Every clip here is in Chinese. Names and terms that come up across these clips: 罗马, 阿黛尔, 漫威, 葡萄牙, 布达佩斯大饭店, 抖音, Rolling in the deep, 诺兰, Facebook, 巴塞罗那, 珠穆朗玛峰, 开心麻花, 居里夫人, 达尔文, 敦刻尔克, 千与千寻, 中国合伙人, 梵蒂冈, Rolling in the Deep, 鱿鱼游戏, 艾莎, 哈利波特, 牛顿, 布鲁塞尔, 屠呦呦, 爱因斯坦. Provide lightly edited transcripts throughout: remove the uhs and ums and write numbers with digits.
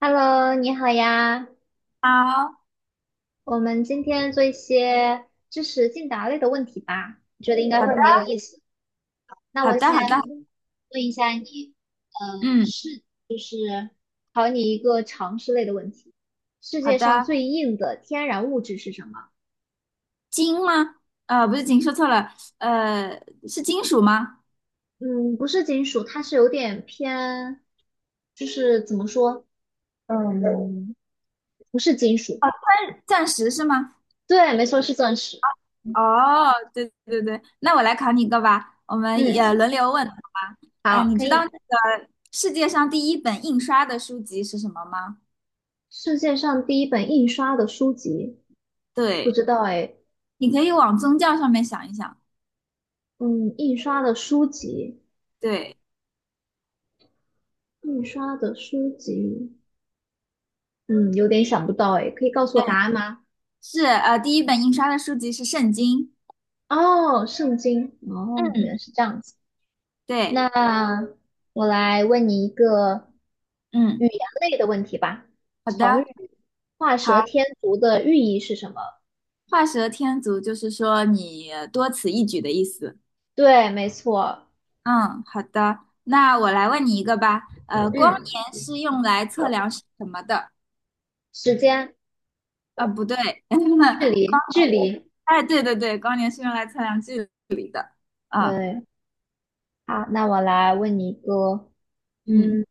Hello，你好呀，好，我们今天做一些知识竞答类的问题吧，我觉得应该好会的，很有意思。那好我的，好先的，问一下你，呃，嗯，是就是考你一个常识类的问题，世好界上的。最硬的天然物质是什么？金吗？不是金，说错了，是金属吗？嗯，不是金属，它是有点偏，就是怎么说，嗯，不是金属。钻石是吗？对，没错，是钻石。哦，对对对，那我来考你一个吧，我们也嗯，轮流问，好吗？好，你可知道那以。个世界上第一本印刷的书籍是什么吗？世界上第一本印刷的书籍。不对，知道哎，你可以往宗教上面想一想。嗯，印刷的书籍，对，印刷的书籍，嗯，有点想不到哎，可以告诉我答案吗？是第一本印刷的书籍是圣经。哦，圣经，哦，嗯，原来是这样子。对，那我来问你一个嗯，语言类的问题吧。好成的。语"画蛇好。添足"的寓意是什么？画蛇添足就是说你多此一举的意思。对，没错，嗯，好的，那我来问你一个吧。光嗯，年是用来测量什么的？时间、啊，不对，距 光，离、距离，哎，对对对，光年是用来测量距离的。啊，对。好，那我来问你一个，嗯，嗯。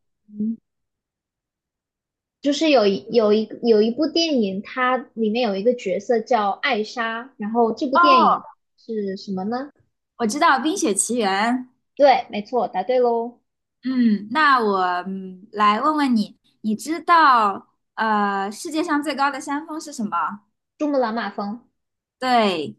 就是有一部电影，它里面有一个角色叫艾莎，然后这部电影哦，是什么呢？我知道《冰雪奇缘》。对，没错，答对喽，嗯，那我来问问你，你知道世界上最高的山峰是什么？《珠穆朗玛峰》。对，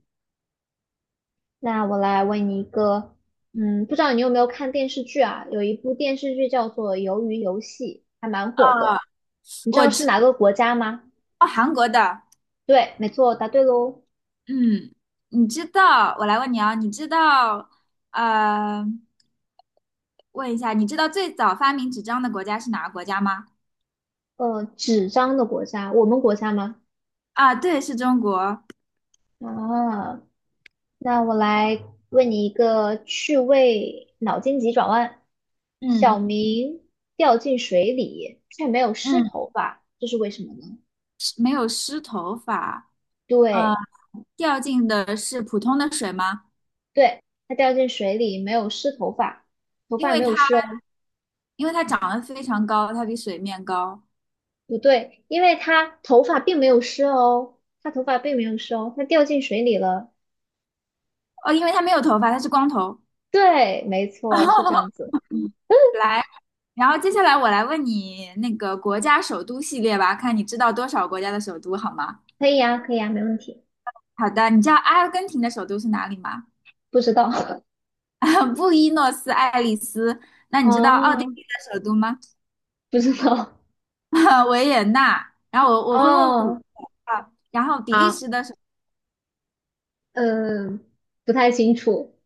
那我来问你一个，不知道你有没有看电视剧啊？有一部电视剧叫做《鱿鱼游戏》，还蛮火呃，的。你知我道是知哪个国家吗？道韩国的。对，没错，答对喽。嗯，你知道，我来问你啊，你知道，呃，问一下，你知道最早发明纸张的国家是哪个国家吗？纸张的国家，我们国家吗？啊，对，是中国。啊，那我来问你一个趣味脑筋急转弯：小嗯明掉进水里却没有湿嗯，头发，这是为什么呢？是没有湿头发，呃，对，掉进的是普通的水吗？对，他掉进水里没有湿头发，头因发为没它有湿哦。因为它长得非常高，它比水面高。不对，因为他头发并没有湿哦，他头发并没有湿哦，他掉进水里了。哦，因为它没有头发，它是光头。对，没 错，是这哦样子。嗯，来，然后接下来我来问你那个国家首都系列吧，看你知道多少国家的首都好吗？可以呀，可以呀，没问题。好的，你知道阿根廷的首都是哪里吗？不知道 布宜诺斯艾利斯。那你知道奥地哦，利的首都吗？不知道 维也纳。然后我 我会问5个哦。啊，然后比利好，时的首嗯，不太清楚。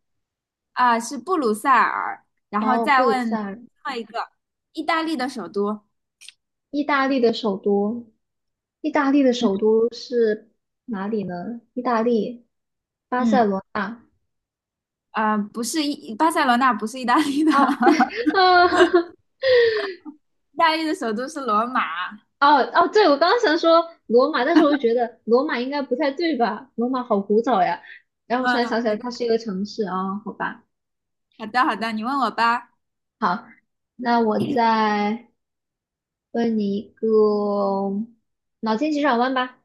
是布鲁塞尔，然后哦，布再鲁问塞最尔，后一个意大利的首都，意大利的首都。意大利的嗯首都是哪里呢？意大利，巴塞嗯，罗那。啊，不是意巴塞罗那，不是意大利的，啊啊 意大利的首都是罗马。哦哦，对，我刚刚想说罗马，但是我就觉得罗马应该不太对吧？罗马好古早呀。然后突嗯，然想起来，没它关是一个城市啊、哦好吧。系好的好的，你问我吧。好，那我在。问你一个脑筋急转弯吧，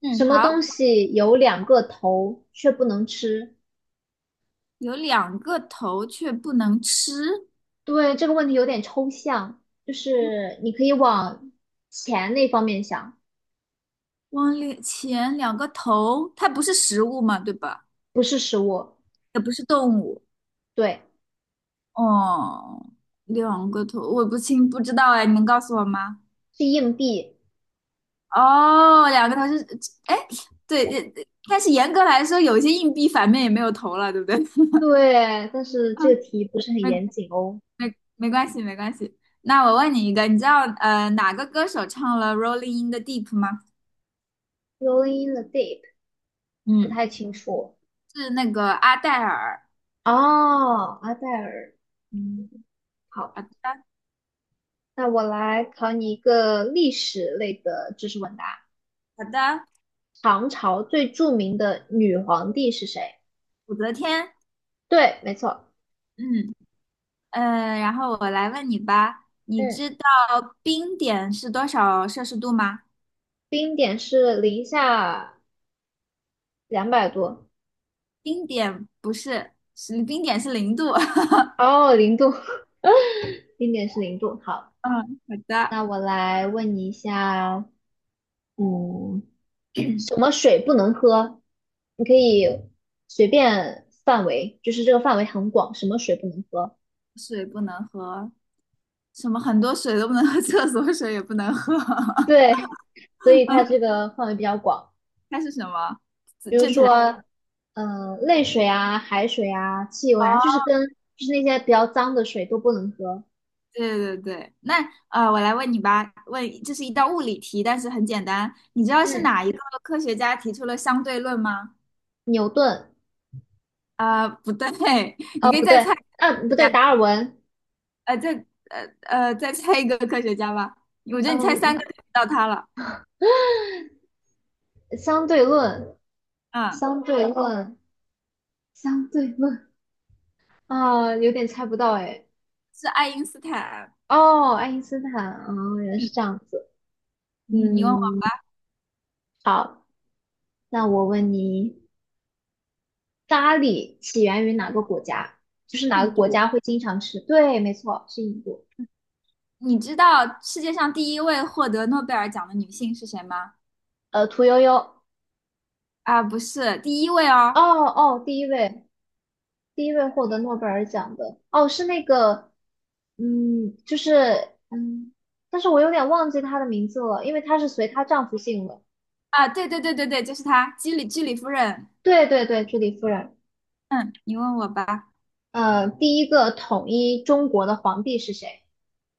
嗯，什么东好，西有两个头却不能吃？有两个头却不能吃，对，这个问题有点抽象，就是你可以往钱那方面想，往里前两个头，它不是食物嘛，对吧？不是食物，也不是动物。对，哦，两个头，我不知道哎，你能告诉我吗？是硬币，哦，两个头是，哎，对，但是严格来说，有一些硬币反面也没有头了，对不对？对，但是啊，这个题不是很没严谨哦。没关系，没关系。那我问你一个，你知道哪个歌手唱了《Rolling in the Deep》吗？Rolling in the deep，不嗯，太清楚。是那个阿黛尔。哦，阿黛尔，嗯，好，好的，那我来考你一个历史类的知识问答。好的，唐朝最著名的女皇帝是谁？武则天。对，没错，嗯。然后我来问你吧，你嗯，知道冰点是多少摄氏度吗？冰点是零下200度，冰点不是，是冰点是零度。哦，零度，冰点是零度。好，嗯，好的。那我来问你一下，嗯，什么水不能喝？你可以随便范围，就是这个范围很广，什么水不能喝？水不能喝，什么很多水都不能喝，厕所水也不能喝。对，所以它这个范围比较广。它是什么？正比如正确答说，案。泪水啊、海水啊、汽油啊，哦，就是跟就是那些比较脏的水都不能喝。对对对。那我来问你吧，问这是一道物理题，但是很简单。你知道是嗯哪一个科学家提出了相对论吗？牛顿，不对，你哦，可以不再对，猜一不对，下。达尔文，呃，再再猜一个科学家吧。我觉得你猜三嗯、个就知道他了。相对论，嗯，相对论，相对论，啊、有点猜不到哎。是爱因斯坦。哦，爱因斯坦，哦，原来嗯，是这样子。嗯你问我嗯，好，那我问你，咖喱起源于哪个国家？就是哪印个国度，家会经常吃？对，没错，是印度。你知道世界上第一位获得诺贝尔奖的女性是谁吗？屠呦呦。啊，不是第一位哦哦。哦，第一位，第一位获得诺贝尔奖的，哦，是那个，就是，但是我有点忘记她的名字了，因为她是随她丈夫姓了。啊，对对对对对，就是她，居里夫人。对对对，居里夫人，嗯，你问我吧，第一个统一中国的皇帝是谁？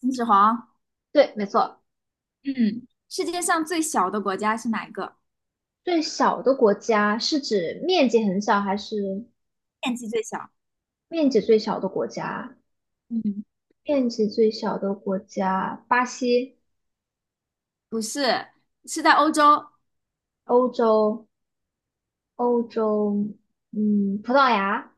秦始皇。对，没错，嗯，世界上最小的国家是哪一个？最小的国家是指面积很小，还是面积最小。面积最小的国家？嗯，面积最小的国家，巴西，不是，是在欧洲。欧洲，欧洲，葡萄牙。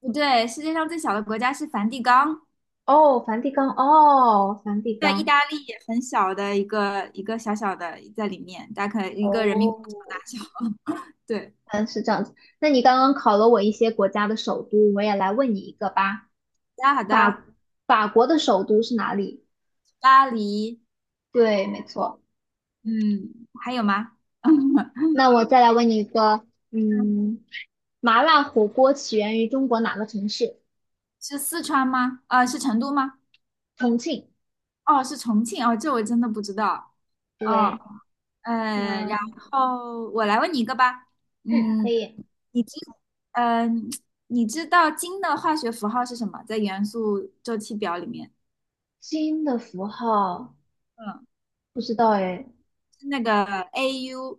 不对，世界上最小的国家是梵蒂冈。哦，梵蒂冈，哦，梵蒂在意冈，大利也很小的一个一个小小的在里面，大概一个人民广场大哦，小。对，嗯，是这样子。那你刚刚考了我一些国家的首都，我也来问你一个吧。好的好的，法法国的首都是哪里？巴黎，对，没错。嗯，还有吗？那我再来问你一个，嗯。麻辣火锅起源于中国哪个城市？是四川吗？啊，是成都吗？重庆。哦，是重庆哦，这我真的不知道。哦，对，那然后我来问你一个吧，可嗯，以。你知，嗯、你知道金的化学符号是什么？在元素周期表里面，金的符号嗯，不知道哎是那个 Au。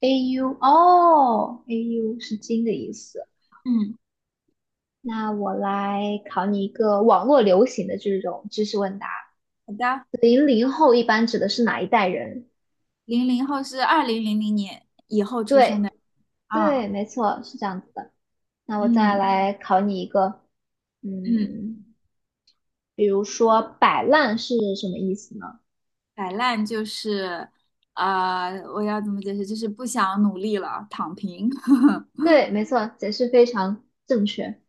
，AU 哦，AU 是金的意思。嗯，那我来考你一个网络流行的这种知识问答。好的，00后一般指的是哪一代人？00后是2000年以后出对，生的啊，对，没错，是这样子的。那我再嗯来考你一个，嗯，嗯，比如说摆烂是什么意思呢？摆烂就是，啊，我要怎么解释？就是不想努力了，躺平。对，没错，解释非常正确。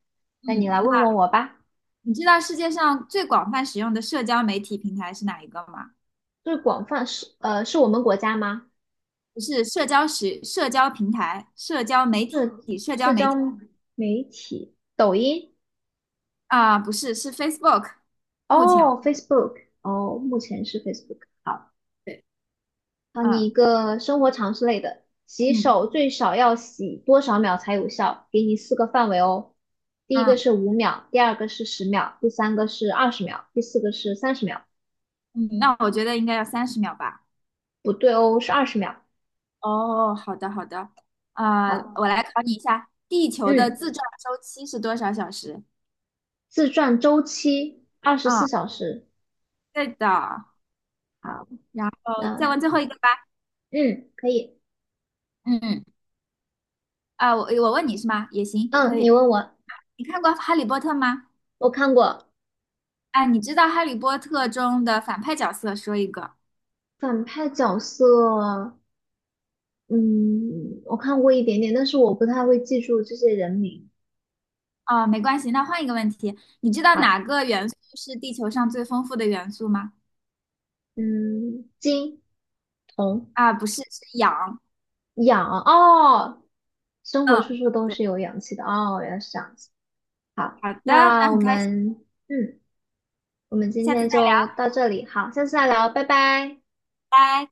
那你嗯，来那问问我吧，你知道世界上最广泛使用的社交媒体平台是哪一个吗？这广泛是我们国家吗？不是社交平台、社交媒体、是社交社媒交体媒体，抖音，啊，不是，是 Facebook。目前为哦，Facebook，哦，目前是 Facebook。好。止，好，你嗯一个生活常识类的，洗手嗯最少要洗多少秒才有效？给你四个范围哦。第一个嗯是5秒，第二个是十秒，第三个是二十秒，第四个是30秒。嗯，那我觉得应该要30秒吧。不对哦，是二十秒。哦，好的好的，啊、好，我来考你一下，地球的自嗯，转周期是多少小时？自转周期二十四啊、小时。对的，好，然后再那问最后一个吧。嗯，可以。嗯，啊、我问你是吗？也行，嗯，可你以。问我，你看过《哈利波特》吗？我看过啊，你知道《哈利波特》中的反派角色，说一个。反派角色，嗯，我看过一点点，但是我不太会记住这些人名。啊，没关系，那换一个问题，你知道好，哪个元素是地球上最丰富的元素吗？嗯，金。啊，不是，是氧。氧哦，生活处嗯，处都对，是有氧气的哦，原来是这样子。好，好的，那那我很开心，们嗯，我们今下次再天就聊，到这里，好，下次再聊，拜拜。拜。